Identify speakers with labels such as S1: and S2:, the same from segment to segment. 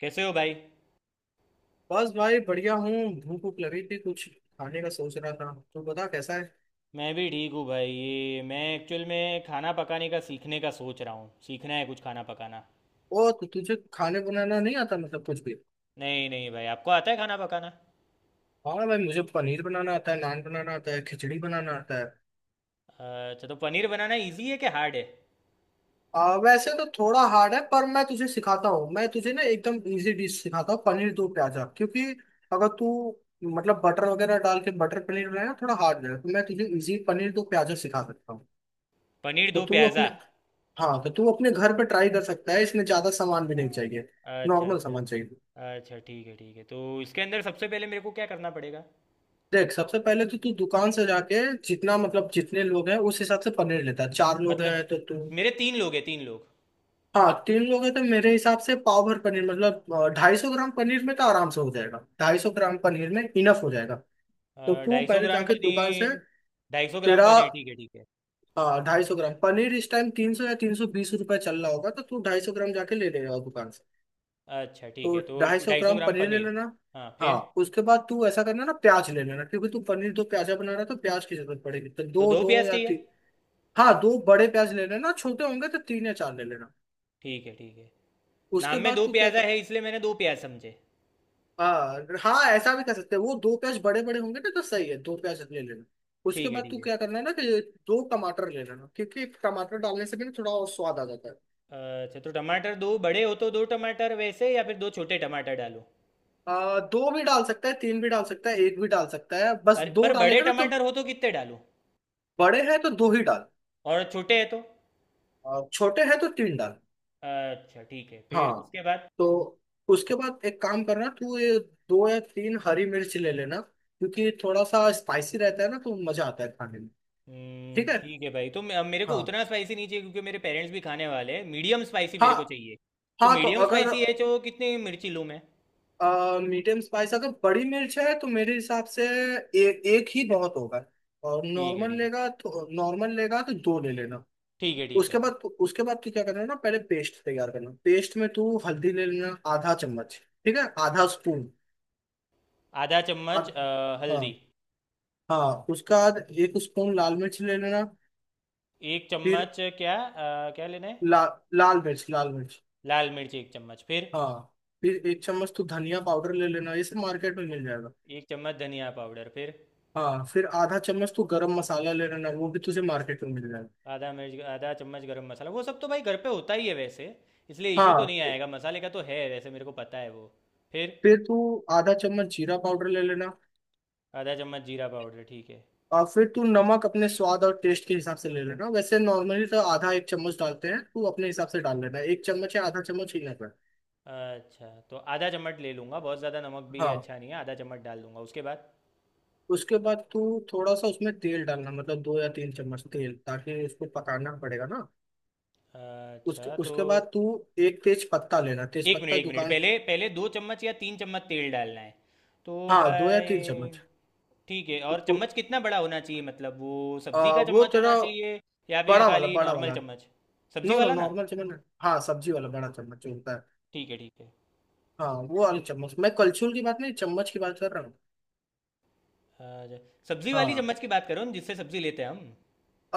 S1: कैसे हो भाई।
S2: बस भाई बढ़िया हूँ। भूख भूख लगी थी, कुछ खाने का सोच रहा था। तू बता कैसा है।
S1: मैं भी ठीक हूँ भाई। ये मैं एक्चुअल में खाना पकाने का सीखने का सोच रहा हूँ। सीखना है कुछ खाना पकाना।
S2: ओ तो तुझे खाने बनाना नहीं आता, मतलब कुछ भी।
S1: नहीं नहीं भाई, आपको आता है खाना पकाना?
S2: हाँ भाई, मुझे पनीर बनाना आता है, नान बनाना आता है, खिचड़ी बनाना आता है।
S1: अच्छा, तो पनीर बनाना इजी है कि हार्ड है?
S2: वैसे तो थोड़ा हार्ड है, पर मैं तुझे सिखाता हूँ। मैं तुझे ना एकदम इजी डिश सिखाता हूँ, पनीर दो प्याजा। क्योंकि अगर तू मतलब बटर वगैरह डाल के बटर पनीर बनाना थोड़ा हार्ड है, तो मैं तुझे इजी पनीर दो प्याजा सिखा सकता हूँ।
S1: पनीर
S2: तो
S1: दो
S2: तू
S1: प्याज़ा।
S2: अपने हाँ तो तू अपने घर पे ट्राई कर सकता है, इसमें ज्यादा सामान भी नहीं
S1: हाँ,
S2: चाहिए।
S1: अच्छा
S2: नॉर्मल
S1: अच्छा।
S2: सामान चाहिए।
S1: अच्छा, ठीक है ठीक है। तो इसके अंदर सबसे पहले मेरे को क्या करना पड़ेगा?
S2: देख, सबसे पहले तो तू दुकान से जाके जितना, मतलब जितने लोग हैं उस हिसाब से पनीर लेता है। चार लोग
S1: मतलब,
S2: हैं तो तू।
S1: मेरे तीन लोग हैं, तीन लोग।
S2: हाँ, तीन लोग हैं तो मेरे हिसाब से पाव भर पनीर, मतलब 250 ग्राम पनीर में तो आराम से हो जाएगा, ढाई सौ ग्राम पनीर में इनफ हो जाएगा। तो तू
S1: ढाई सौ
S2: पहले
S1: ग्राम
S2: जाके दुकान से
S1: पनीर। 250 ग्राम
S2: तेरा।
S1: पनीर, ठीक है ठीक है।
S2: ढाई सौ ग्राम पनीर इस टाइम 300 या 320 रुपये चल रहा होगा, तो तू ढाई सौ ग्राम जाके ले लेगा दुकान से।
S1: अच्छा ठीक
S2: तो
S1: है, तो
S2: ढाई सौ
S1: ढाई सौ
S2: ग्राम
S1: ग्राम
S2: पनीर ले
S1: पनीर।
S2: लेना।
S1: हाँ
S2: हाँ,
S1: फिर?
S2: उसके बाद तू ऐसा करना ना, प्याज ले लेना, क्योंकि तू पनीर दो प्याजा बना रहा है तो प्याज की जरूरत पड़ेगी, तो
S1: तो
S2: दो
S1: दो
S2: दो
S1: प्याज
S2: या
S1: चाहिए।
S2: तीन। हाँ, दो बड़े प्याज ले लेना, छोटे होंगे तो तीन या चार ले लेना।
S1: ठीक है ठीक है। नाम
S2: उसके
S1: में
S2: बाद
S1: दो
S2: तू क्या
S1: प्याजा
S2: कर।
S1: है, इसलिए मैंने दो प्याज समझे।
S2: हाँ हाँ, ऐसा भी कर सकते हैं, वो दो प्याज बड़े बड़े होंगे ना, तो सही है, दो प्याज ले लेना। उसके
S1: ठीक है
S2: बाद
S1: ठीक
S2: तू
S1: है।
S2: क्या करना है ना कि दो टमाटर ले लेना, क्योंकि टमाटर डालने से भी ना थोड़ा और स्वाद आ जाता है।
S1: अच्छा, तो टमाटर दो बड़े हो तो दो टमाटर वैसे, या फिर दो छोटे टमाटर डालो?
S2: दो भी डाल सकता है, तीन भी डाल सकता है, एक भी डाल सकता है, बस
S1: अरे
S2: दो
S1: पर बड़े
S2: डालेगा ना तो।
S1: टमाटर हो तो कितने डालो?
S2: बड़े हैं तो दो ही डाल,
S1: और छोटे हैं तो?
S2: और छोटे हैं तो तीन डाल।
S1: अच्छा ठीक है। फिर
S2: हाँ।
S1: उसके बाद?
S2: तो उसके बाद एक काम करना तू ये, दो या तीन हरी मिर्च ले लेना, क्योंकि थोड़ा सा स्पाइसी रहता है ना, तो मजा आता है खाने में। ठीक है।
S1: ठीक है भाई। तो मेरे को
S2: हाँ
S1: उतना स्पाइसी नहीं चाहिए, क्योंकि मेरे पेरेंट्स भी खाने वाले हैं। मीडियम स्पाइसी
S2: हाँ।
S1: मेरे को चाहिए। तो
S2: हाँ तो
S1: मीडियम
S2: अगर
S1: स्पाइसी है जो, कितनी मिर्ची लूँ मैं?
S2: मीडियम स्पाइस, अगर बड़ी मिर्च है तो मेरे हिसाब से एक ही बहुत होगा, और
S1: ठीक है
S2: नॉर्मल
S1: ठीक है।
S2: लेगा, तो नॉर्मल लेगा तो दो ले लेना।
S1: ठीक है ठीक
S2: उसके
S1: है।
S2: बाद उसके बाद तू क्या करना ना, पहले पेस्ट तैयार करना। पेस्ट में तू हल्दी ले लेना, आधा चम्मच ठीक है, आधा स्पून।
S1: आधा चम्मच हल्दी।
S2: हाँ। हाँ उसका बाद एक स्पून लाल मिर्च ले लेना।
S1: एक
S2: फिर
S1: चम्मच क्या, क्या लेना है?
S2: ला, लाल मिर्च।
S1: लाल मिर्च 1 चम्मच। फिर?
S2: हाँ फिर एक चम्मच तू धनिया पाउडर ले लेना, ये सब मार्केट में मिल जाएगा।
S1: 1 चम्मच धनिया पाउडर। फिर?
S2: हाँ फिर आधा चम्मच तू गरम मसाला ले लेना, वो भी तुझे मार्केट में मिल जाएगा।
S1: आधा मिर्च, आधा चम्मच गरम मसाला। वो सब तो भाई घर पे होता ही है वैसे। इसलिए इशू तो
S2: हाँ
S1: नहीं आएगा मसाले का, तो है वैसे, मेरे को पता है वो। फिर?
S2: फिर तू आधा चम्मच जीरा पाउडर ले लेना।
S1: आधा चम्मच जीरा पाउडर, ठीक है।
S2: और फिर तू नमक अपने स्वाद और टेस्ट के हिसाब से ले लेना, वैसे नॉर्मली तो आधा एक चम्मच डालते हैं, तू अपने हिसाब से डाल लेना, एक चम्मच या आधा चम्मच ही लेना।
S1: अच्छा, तो आधा चम्मच ले लूँगा। बहुत ज़्यादा नमक भी
S2: हाँ।
S1: अच्छा नहीं है। आधा चम्मच डाल दूंगा। उसके बाद?
S2: उसके बाद तू थोड़ा सा उसमें तेल डालना, मतलब दो या तीन चम्मच तेल, ताकि उसको पकाना पड़ेगा ना। उसके
S1: अच्छा तो।
S2: उसके बाद तू एक तेज पत्ता लेना, तेज
S1: एक मिनट
S2: पत्ता
S1: एक मिनट
S2: दुकान।
S1: पहले पहले 2 चम्मच या 3 चम्मच तेल डालना है तो
S2: हाँ दो या
S1: भाई?
S2: तीन चम्मच।
S1: ठीक है,
S2: उ-
S1: और
S2: उ-
S1: चम्मच कितना बड़ा होना चाहिए, मतलब वो सब्ज़ी का
S2: वो
S1: चम्मच होना
S2: तेरा
S1: चाहिए, या फिर
S2: बड़ा वाला,
S1: खाली
S2: बड़ा
S1: नॉर्मल
S2: वाला।
S1: चम्मच? सब्ज़ी
S2: नो नो,
S1: वाला ना?
S2: नॉर्मल चम्मच। हाँ, सब्जी वाला बड़ा चम्मच जो होता है।
S1: ठीक है ठीक है।
S2: हाँ वो वाला चम्मच, मैं कलछुल की बात नहीं, चम्मच की बात कर रहा हूँ।
S1: अ, ज- सब्जी वाली
S2: हाँ।
S1: चम्मच की बात करो न, जिससे सब्जी लेते हैं हम।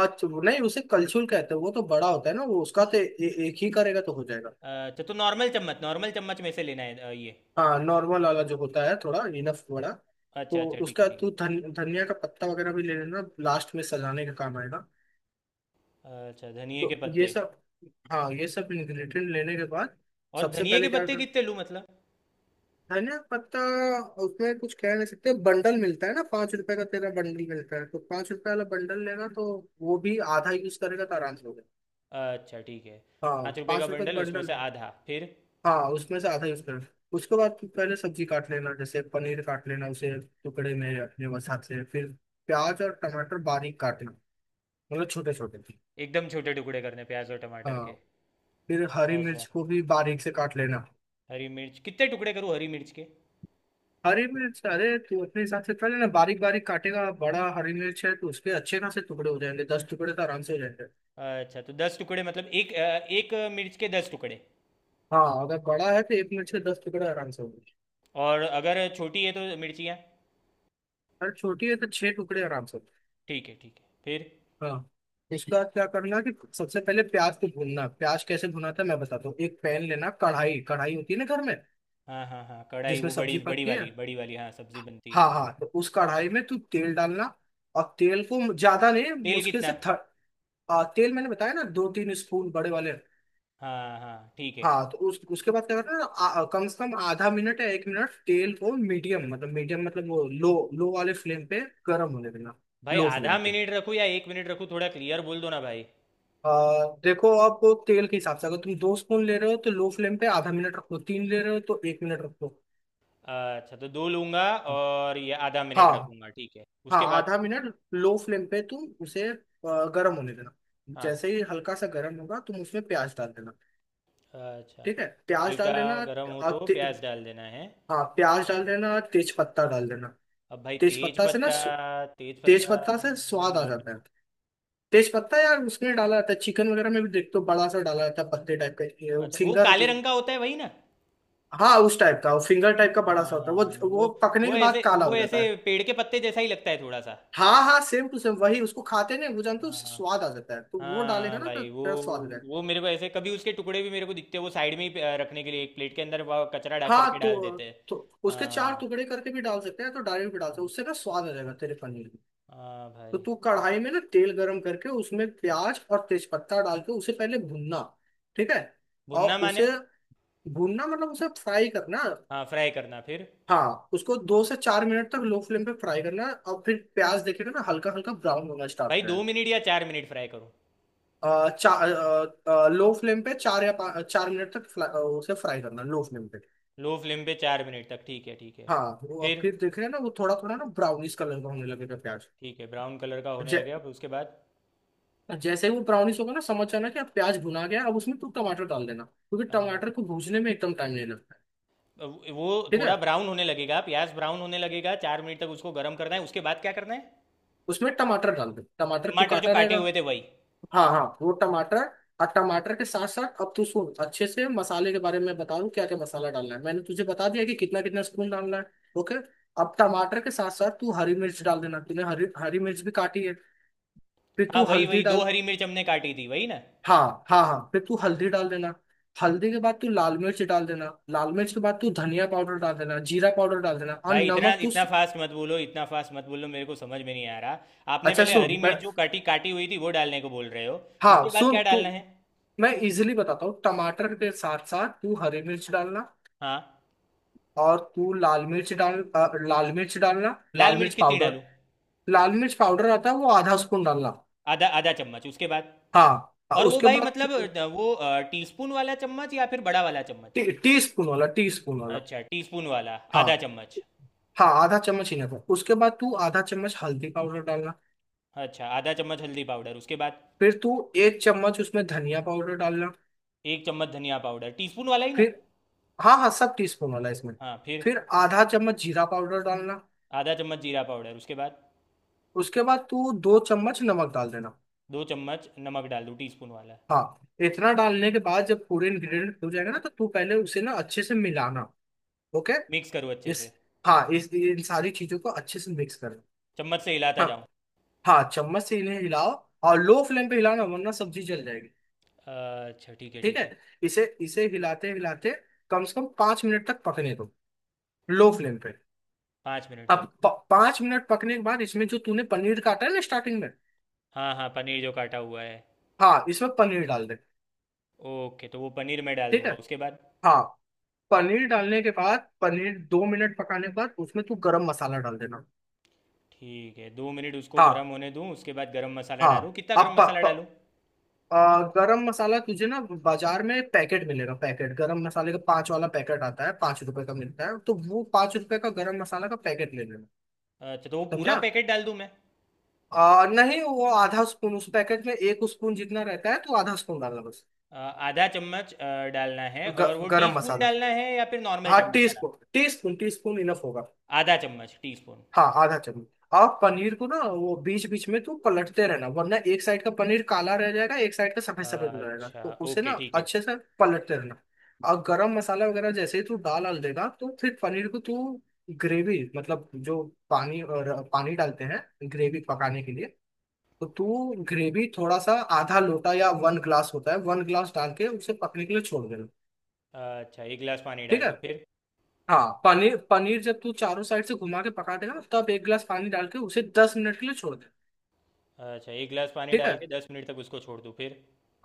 S2: अच्छा वो नहीं, उसे कलछुल कहते हैं, वो तो बड़ा होता है ना वो। उसका तो ए, ए- एक ही करेगा तो हो जाएगा।
S1: अच्छा, तो नॉर्मल चम्मच, नॉर्मल चम्मच में से लेना है ये?
S2: हाँ, नॉर्मल वाला जो होता है, थोड़ा इनफ वाला। तो
S1: अच्छा अच्छा, ठीक है
S2: उसका
S1: ठीक है।
S2: तू धनिया का पत्ता वगैरह भी ले लेना, लास्ट में सजाने का काम आएगा।
S1: अच्छा, धनिए के
S2: तो ये
S1: पत्ते।
S2: सब। हाँ, ये सब इंग्रेडिएंट लेने के बाद
S1: और
S2: सबसे
S1: धनिए के
S2: पहले क्या
S1: पत्ते
S2: कर।
S1: कितने लूँ, मतलब?
S2: धनिया पत्ता, उसमें कुछ कह नहीं सकते, बंडल मिलता है ना 5 रुपए का, तेरा बंडल मिलता है तो पाँच रुपए वाला बंडल लेगा, तो वो भी आधा यूज करेगा तो आराम से हो गया।
S1: अच्छा ठीक है।
S2: हाँ,
S1: 5 रुपए का
S2: पाँच रुपए का
S1: बंडल, उसमें
S2: बंडल।
S1: से आधा। फिर?
S2: हाँ उसमें से आधा यूज कर। उसके बाद पहले सब्जी काट लेना, जैसे पनीर काट लेना उसे टुकड़े में अपने वसात से। फिर प्याज और टमाटर बारीक काटना, मतलब छोटे छोटे।
S1: एकदम छोटे टुकड़े करने प्याज और टमाटर
S2: हाँ।
S1: के?
S2: फिर हरी मिर्च
S1: अच्छा,
S2: को भी बारीक से काट लेना।
S1: हरी मिर्च कितने टुकड़े करूँ, हरी मिर्च के?
S2: हरी मिर्च, अरे तू अपने हिसाब से पहले ना बारीक बारीक काटेगा, बड़ा हरी मिर्च है तो उसके अच्छे खासे टुकड़े हो जाएंगे, 10 टुकड़े तो आराम से हो जाएंगे।
S1: अच्छा, तो 10 टुकड़े, मतलब एक, एक मिर्च के 10 टुकड़े?
S2: हाँ, अगर बड़ा है तो एक मिर्च के दस टुकड़े आराम से हो जाएंगे,
S1: और अगर छोटी है तो मिर्चियाँ?
S2: अगर छोटी है तो 6 टुकड़े आराम से।
S1: ठीक है ठीक है। फिर?
S2: हाँ। उसका क्या करना कि सबसे पहले प्याज को भूनना। प्याज कैसे भुना था मैं बताता हूँ। एक पैन लेना, कढ़ाई कढ़ाई होती है ना घर में,
S1: हाँ हाँ हाँ, कढ़ाई
S2: जिसमें
S1: वो बड़ी
S2: सब्जी
S1: बड़ी
S2: पकती है।
S1: वाली, बड़ी वाली हाँ, सब्जी बनती है।
S2: हाँ हाँ, तो उस कढ़ाई में तू तेल डालना, और तेल को ज्यादा नहीं,
S1: तेल
S2: मुश्किल से
S1: कितना?
S2: तेल मैंने बताया ना दो तीन स्पून बड़े वाले।
S1: हाँ हाँ ठीक है।
S2: हाँ, तो उस उसके बाद क्या करना ना, कम से कम आधा मिनट या एक मिनट तेल को मीडियम, मतलब मीडियम, मतलब वो लो, लो वाले फ्लेम पे गर्म होने देना।
S1: भाई,
S2: लो
S1: आधा
S2: फ्लेम पे।
S1: मिनट रखूँ या 1 मिनट रखूँ, थोड़ा क्लियर बोल दो ना भाई।
S2: आ, देखो आप, तेल के हिसाब से अगर तुम दो स्पून ले रहे हो तो लो फ्लेम पे आधा मिनट रखो, तीन ले रहे हो तो एक मिनट रखो।
S1: अच्छा, तो दो लूँगा। और ये आधा मिनट
S2: हाँ।
S1: रखूँगा, ठीक है।
S2: हाँ,
S1: उसके बाद?
S2: आधा मिनट लो फ्लेम पे तुम उसे गर्म होने देना।
S1: हाँ।
S2: जैसे ही हल्का सा गर्म होगा तुम उसमें प्याज डाल देना।
S1: अच्छा।
S2: ठीक है, प्याज
S1: हल्का
S2: डाल देना
S1: गर्म हो तो
S2: और
S1: प्याज डाल देना है?
S2: हाँ, प्याज डाल देना और तेज पत्ता डाल देना।
S1: अब भाई,
S2: तेज
S1: तेज
S2: पत्ता से ना,
S1: पत्ता? तेज
S2: तेज
S1: पत्ता
S2: पत्ता से
S1: नहीं
S2: स्वाद आ
S1: मालूम मेरे
S2: जाता है।
S1: को।
S2: तेज पत्ता यार, उसमें डाला जाता है, चिकन वगैरह में भी देखते हो बड़ा सा डाला जाता है, पत्ते टाइप का
S1: अच्छा, वो
S2: फिंगर।
S1: काले रंग का होता है वही ना?
S2: हाँ, उस टाइप का, वो फिंगर टाइप का बड़ा सा होता है
S1: हाँ
S2: वो।
S1: वो।
S2: वो पकने
S1: वो
S2: के बाद
S1: ऐसे,
S2: काला
S1: वो
S2: हो जाता
S1: ऐसे
S2: है।
S1: पेड़ के पत्ते जैसा ही लगता है थोड़ा सा।
S2: हाँ हाँ, सेम टू सेम वही, उसको खाते हैं ना वो, जानते हो, उससे
S1: हाँ,
S2: स्वाद आ जाता है, तो वो डालेगा
S1: हाँ
S2: ना तो
S1: भाई वो।
S2: तेरा स्वाद रहेगा।
S1: वो मेरे को ऐसे कभी उसके टुकड़े भी मेरे को दिखते हैं, वो साइड में ही रखने के लिए एक प्लेट के अंदर वो कचरा डाल
S2: हाँ।
S1: करके डाल देते हैं।
S2: तो उसके चार
S1: हाँ
S2: टुकड़े करके भी डाल सकते हैं, तो डायरेक्ट भी डाल सकते हैं,
S1: हाँ।
S2: उससे ना स्वाद आ जाएगा तेरे पनीर में।
S1: हाँ
S2: तो
S1: भाई।
S2: तू कढ़ाई में ना तेल गरम करके उसमें प्याज और तेज पत्ता डाल के उसे पहले भूनना, ठीक है। और
S1: भुनना
S2: उसे,
S1: माने?
S2: भूनना मतलब उसे फ्राई करना।
S1: हाँ, फ्राई करना। फिर?
S2: हाँ, उसको दो से चार मिनट तक लो फ्लेम पे फ्राई करना है, और फिर प्याज देखिएगा ना हल्का हल्का ब्राउन होना
S1: भाई
S2: स्टार्ट हो
S1: 2 मिनट या 4 मिनट फ्राई करो?
S2: जाएगा। चार, लो फ्लेम पे चार या पाँच, 4 मिनट तक उसे फ्राई करना लो फ्लेम पे।
S1: लो फ्लेम पे 4 मिनट तक, ठीक है ठीक है।
S2: हाँ, वो अब
S1: फिर?
S2: फिर देख रहे हैं ना वो थोड़ा थोड़ा ना ब्राउनिश कलर का होने लगेगा प्याज।
S1: ठीक है, ब्राउन कलर का होने
S2: जै,
S1: लगेगा। फिर उसके बाद?
S2: जैसे ही वो ब्राउनिश होगा ना, समझ जाना कि अब प्याज भुना गया। अब उसमें तू टमाटर डाल देना, क्योंकि टमाटर
S1: अच्छा,
S2: को भूनने में एकदम टाइम नहीं लगता है,
S1: अब वो
S2: ठीक है।
S1: थोड़ा ब्राउन होने लगेगा, प्याज ब्राउन होने लगेगा, 4 मिनट तक उसको गर्म करना है। उसके बाद क्या करना है?
S2: उसमें टमाटर डाल दे, टमाटर तू
S1: टमाटर जो
S2: काटा
S1: काटे
S2: रहेगा।
S1: हुए थे वही?
S2: हाँ हाँ, वो टमाटर। और टमाटर के साथ साथ अब तू सुन अच्छे से, मसाले के बारे में बता दूं क्या क्या मसाला डालना है, मैंने तुझे बता दिया कि कितना कितना स्पून डालना है। ओके। अब टमाटर के साथ साथ तू हरी मिर्च डाल देना, तूने हरी हरी मिर्च भी काटी है। फिर
S1: हाँ
S2: तू
S1: वही
S2: हल्दी
S1: वही, दो
S2: डाल,
S1: हरी मिर्च हमने काटी थी, वही ना?
S2: हाँ हाँ हाँ, फिर तू हल्दी डाल देना। हल्दी के बाद तू लाल मिर्च डाल देना, लाल मिर्च के बाद तू धनिया पाउडर डाल देना, जीरा पाउडर डाल देना, और
S1: भाई इतना
S2: नमक तू।
S1: इतना फास्ट मत बोलो, इतना फास्ट मत बोलो, मेरे को समझ में नहीं आ रहा। आपने
S2: अच्छा,
S1: पहले
S2: सुन
S1: हरी
S2: मैं,
S1: मिर्च जो काटी काटी हुई थी, वो डालने को बोल रहे हो?
S2: हाँ
S1: उसके बाद
S2: सुन
S1: क्या
S2: तू,
S1: डालना है?
S2: मैं इजिली बताता हूँ। टमाटर के साथ साथ तू हरी मिर्च डालना,
S1: हाँ।
S2: और तू लाल मिर्च डाल लाल मिर्च डालना, लाल
S1: लाल
S2: मिर्च
S1: मिर्च कितनी
S2: पाउडर।
S1: डालूं?
S2: लाल मिर्च पाउडर आता है, वो आधा स्पून डालना।
S1: आधा आधा चम्मच, उसके बाद?
S2: हाँ
S1: और वो
S2: उसके
S1: भाई
S2: बाद
S1: मतलब,
S2: तू,
S1: वो टीस्पून वाला चम्मच या फिर बड़ा वाला चम्मच?
S2: टी स्पून वाला, टी स्पून वाला।
S1: अच्छा, टीस्पून वाला।
S2: हाँ
S1: आधा चम्मच।
S2: हाँ, आधा चम्मच ही ना। उसके बाद तू आधा चम्मच हल्दी पाउडर डालना।
S1: अच्छा, आधा चम्मच हल्दी पाउडर। उसके बाद?
S2: फिर तू एक चम्मच उसमें धनिया पाउडर डालना।
S1: 1 चम्मच धनिया पाउडर, टीस्पून वाला ही ना?
S2: फिर, हाँ हाँ, सब टी स्पून वाला इसमें।
S1: हाँ फिर?
S2: फिर आधा चम्मच जीरा पाउडर डालना।
S1: आधा चम्मच जीरा पाउडर। उसके बाद?
S2: उसके बाद तू दो चम्मच नमक डाल देना।
S1: 2 चम्मच नमक डाल दूँ, टीस्पून वाला?
S2: हाँ, इतना डालने के बाद जब पूरे इंग्रेडिएंट हो जाएगा ना, तो तू पहले उसे ना अच्छे से मिलाना। ओके।
S1: मिक्स करूँ अच्छे से?
S2: इस हाँ, इस, इन सारी चीजों को अच्छे से मिक्स करें।
S1: चम्मच से हिलाता
S2: हाँ
S1: जाऊँ।
S2: हाँ, चम्मच से इन्हें हिलाओ, और लो फ्लेम पे हिलाना वरना सब्जी जल जाएगी।
S1: अच्छा ठीक है
S2: ठीक
S1: ठीक
S2: है।
S1: है।
S2: इसे इसे हिलाते हिलाते कम से कम 5 मिनट तक पकने दो, लो फ्लेम पे।
S1: 5 मिनट
S2: अब
S1: तक?
S2: पाँच मिनट पकने के बाद इसमें जो तूने पनीर काटा है ना स्टार्टिंग में,
S1: हाँ हाँ, पनीर जो काटा हुआ है।
S2: हाँ इसमें पनीर डाल दे,
S1: ओके, तो वो पनीर मैं डाल
S2: ठीक है।
S1: दूंगा, उसके बाद?
S2: हाँ, पनीर डालने के बाद, पनीर 2 मिनट पकाने के बाद उसमें तू गरम मसाला डाल देना।
S1: ठीक है, 2 मिनट उसको गर्म
S2: हाँ
S1: होने दूँ, उसके बाद गरम मसाला
S2: हाँ,
S1: डालूँ। कितना गरम
S2: अब प,
S1: मसाला डालूँ?
S2: प, गरम मसाला तुझे ना बाजार में पैकेट मिलेगा, पैकेट गरम मसाले का, पांच वाला पैकेट आता है, 5 रुपए का मिलता है, तो वो पांच रुपए का गरम मसाला का पैकेट ले लेना।
S1: अच्छा, तो वो पूरा
S2: समझा।
S1: पैकेट डाल दूँ मैं?
S2: नहीं, वो आधा स्पून, उस पैकेट में एक स्पून जितना रहता है, तो आधा स्पून डालना बस।
S1: अ, आधा चम्मच डालना है, और वो
S2: गरम
S1: टीस्पून
S2: मसाला।
S1: डालना है या फिर नॉर्मल
S2: हाँ,
S1: चम्मच वाला?
S2: टी स्पून इनफ होगा।
S1: आधा चम्मच टीस्पून?
S2: हाँ, आधा चम्मच। आप पनीर को ना वो बीच बीच में तो पलटते रहना, वरना एक साइड का पनीर काला रह जाएगा, एक साइड का सफेद सफेद रहेगा,
S1: अच्छा
S2: तो उसे
S1: ओके
S2: ना
S1: ठीक है।
S2: अच्छे से पलटते रहना। और गरम मसाला वगैरह जैसे ही तू डाल डाल देगा, तो फिर पनीर को तू ग्रेवी, मतलब जो पानी और पानी डालते हैं ग्रेवी पकाने के लिए, तो तू ग्रेवी थोड़ा सा, आधा लोटा या वन ग्लास होता है, वन ग्लास डाल के उसे पकने के लिए छोड़ देना,
S1: अच्छा, 1 गिलास पानी
S2: ठीक
S1: डाल
S2: है।
S1: दूँ फिर?
S2: हाँ, पनीर पनीर जब तू चारों साइड से घुमा के पका देगा, तब एक गिलास पानी डाल के उसे 10 मिनट के लिए छोड़,
S1: अच्छा, एक गिलास पानी
S2: ठीक है।
S1: डाल के 10 मिनट तक उसको छोड़ दूँ, फिर?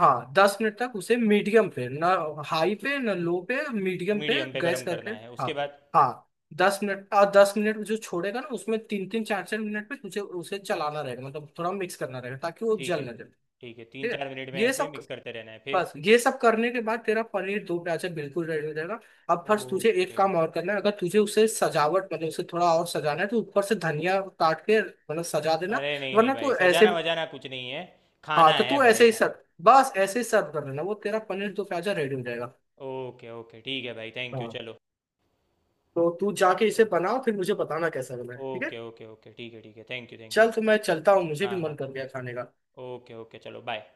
S2: हाँ, दस मिनट तक उसे मीडियम पे ना, हाई पे ना, लो पे, मीडियम पे
S1: मीडियम पे
S2: गैस
S1: गर्म
S2: करके।
S1: करना है,
S2: हाँ
S1: उसके बाद?
S2: हाँ, दस मिनट, और दस मिनट जो छोड़ेगा ना उसमें तीन तीन चार चार मिनट पे तुझे उसे चलाना रहेगा, मतलब थोड़ा मिक्स करना रहेगा, ताकि वो
S1: ठीक
S2: जल
S1: है
S2: ना जाए।
S1: ठीक है, तीन
S2: ठीक है।
S1: चार मिनट में
S2: ये
S1: ऐसे
S2: सब,
S1: मिक्स करते रहना है फिर?
S2: बस ये सब करने के बाद तेरा पनीर दो प्याजा बिल्कुल रेडी हो जाएगा। अब फर्स्ट तुझे एक
S1: ओके।
S2: काम और करना है, अगर तुझे उसे सजावट, मतलब उसे थोड़ा और सजाना है, तो ऊपर से धनिया काट के मतलब सजा देना।
S1: अरे नहीं नहीं
S2: वरना तू
S1: भाई,
S2: ऐसे,
S1: सजाना वजाना कुछ नहीं है,
S2: हाँ
S1: खाना
S2: तो
S1: है
S2: तू
S1: भाई
S2: ऐसे ही
S1: खाली।
S2: सर्व, बस ऐसे ही सर्व कर लेना, वो तेरा पनीर दो प्याजा रेडी हो जाएगा।
S1: ओके ओके, ठीक है भाई, थैंक यू,
S2: हाँ,
S1: चलो।
S2: तो तू जाके इसे
S1: हाँ।
S2: बनाओ फिर मुझे बताना कैसा बना है, ठीक है।
S1: ओके ओके ओके, ठीक है ठीक है, थैंक यू थैंक यू।
S2: चल तो मैं चलता हूँ, मुझे
S1: हाँ
S2: भी मन
S1: हाँ।
S2: कर गया खाने का।
S1: ओके ओके, चलो बाय।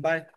S2: बाय।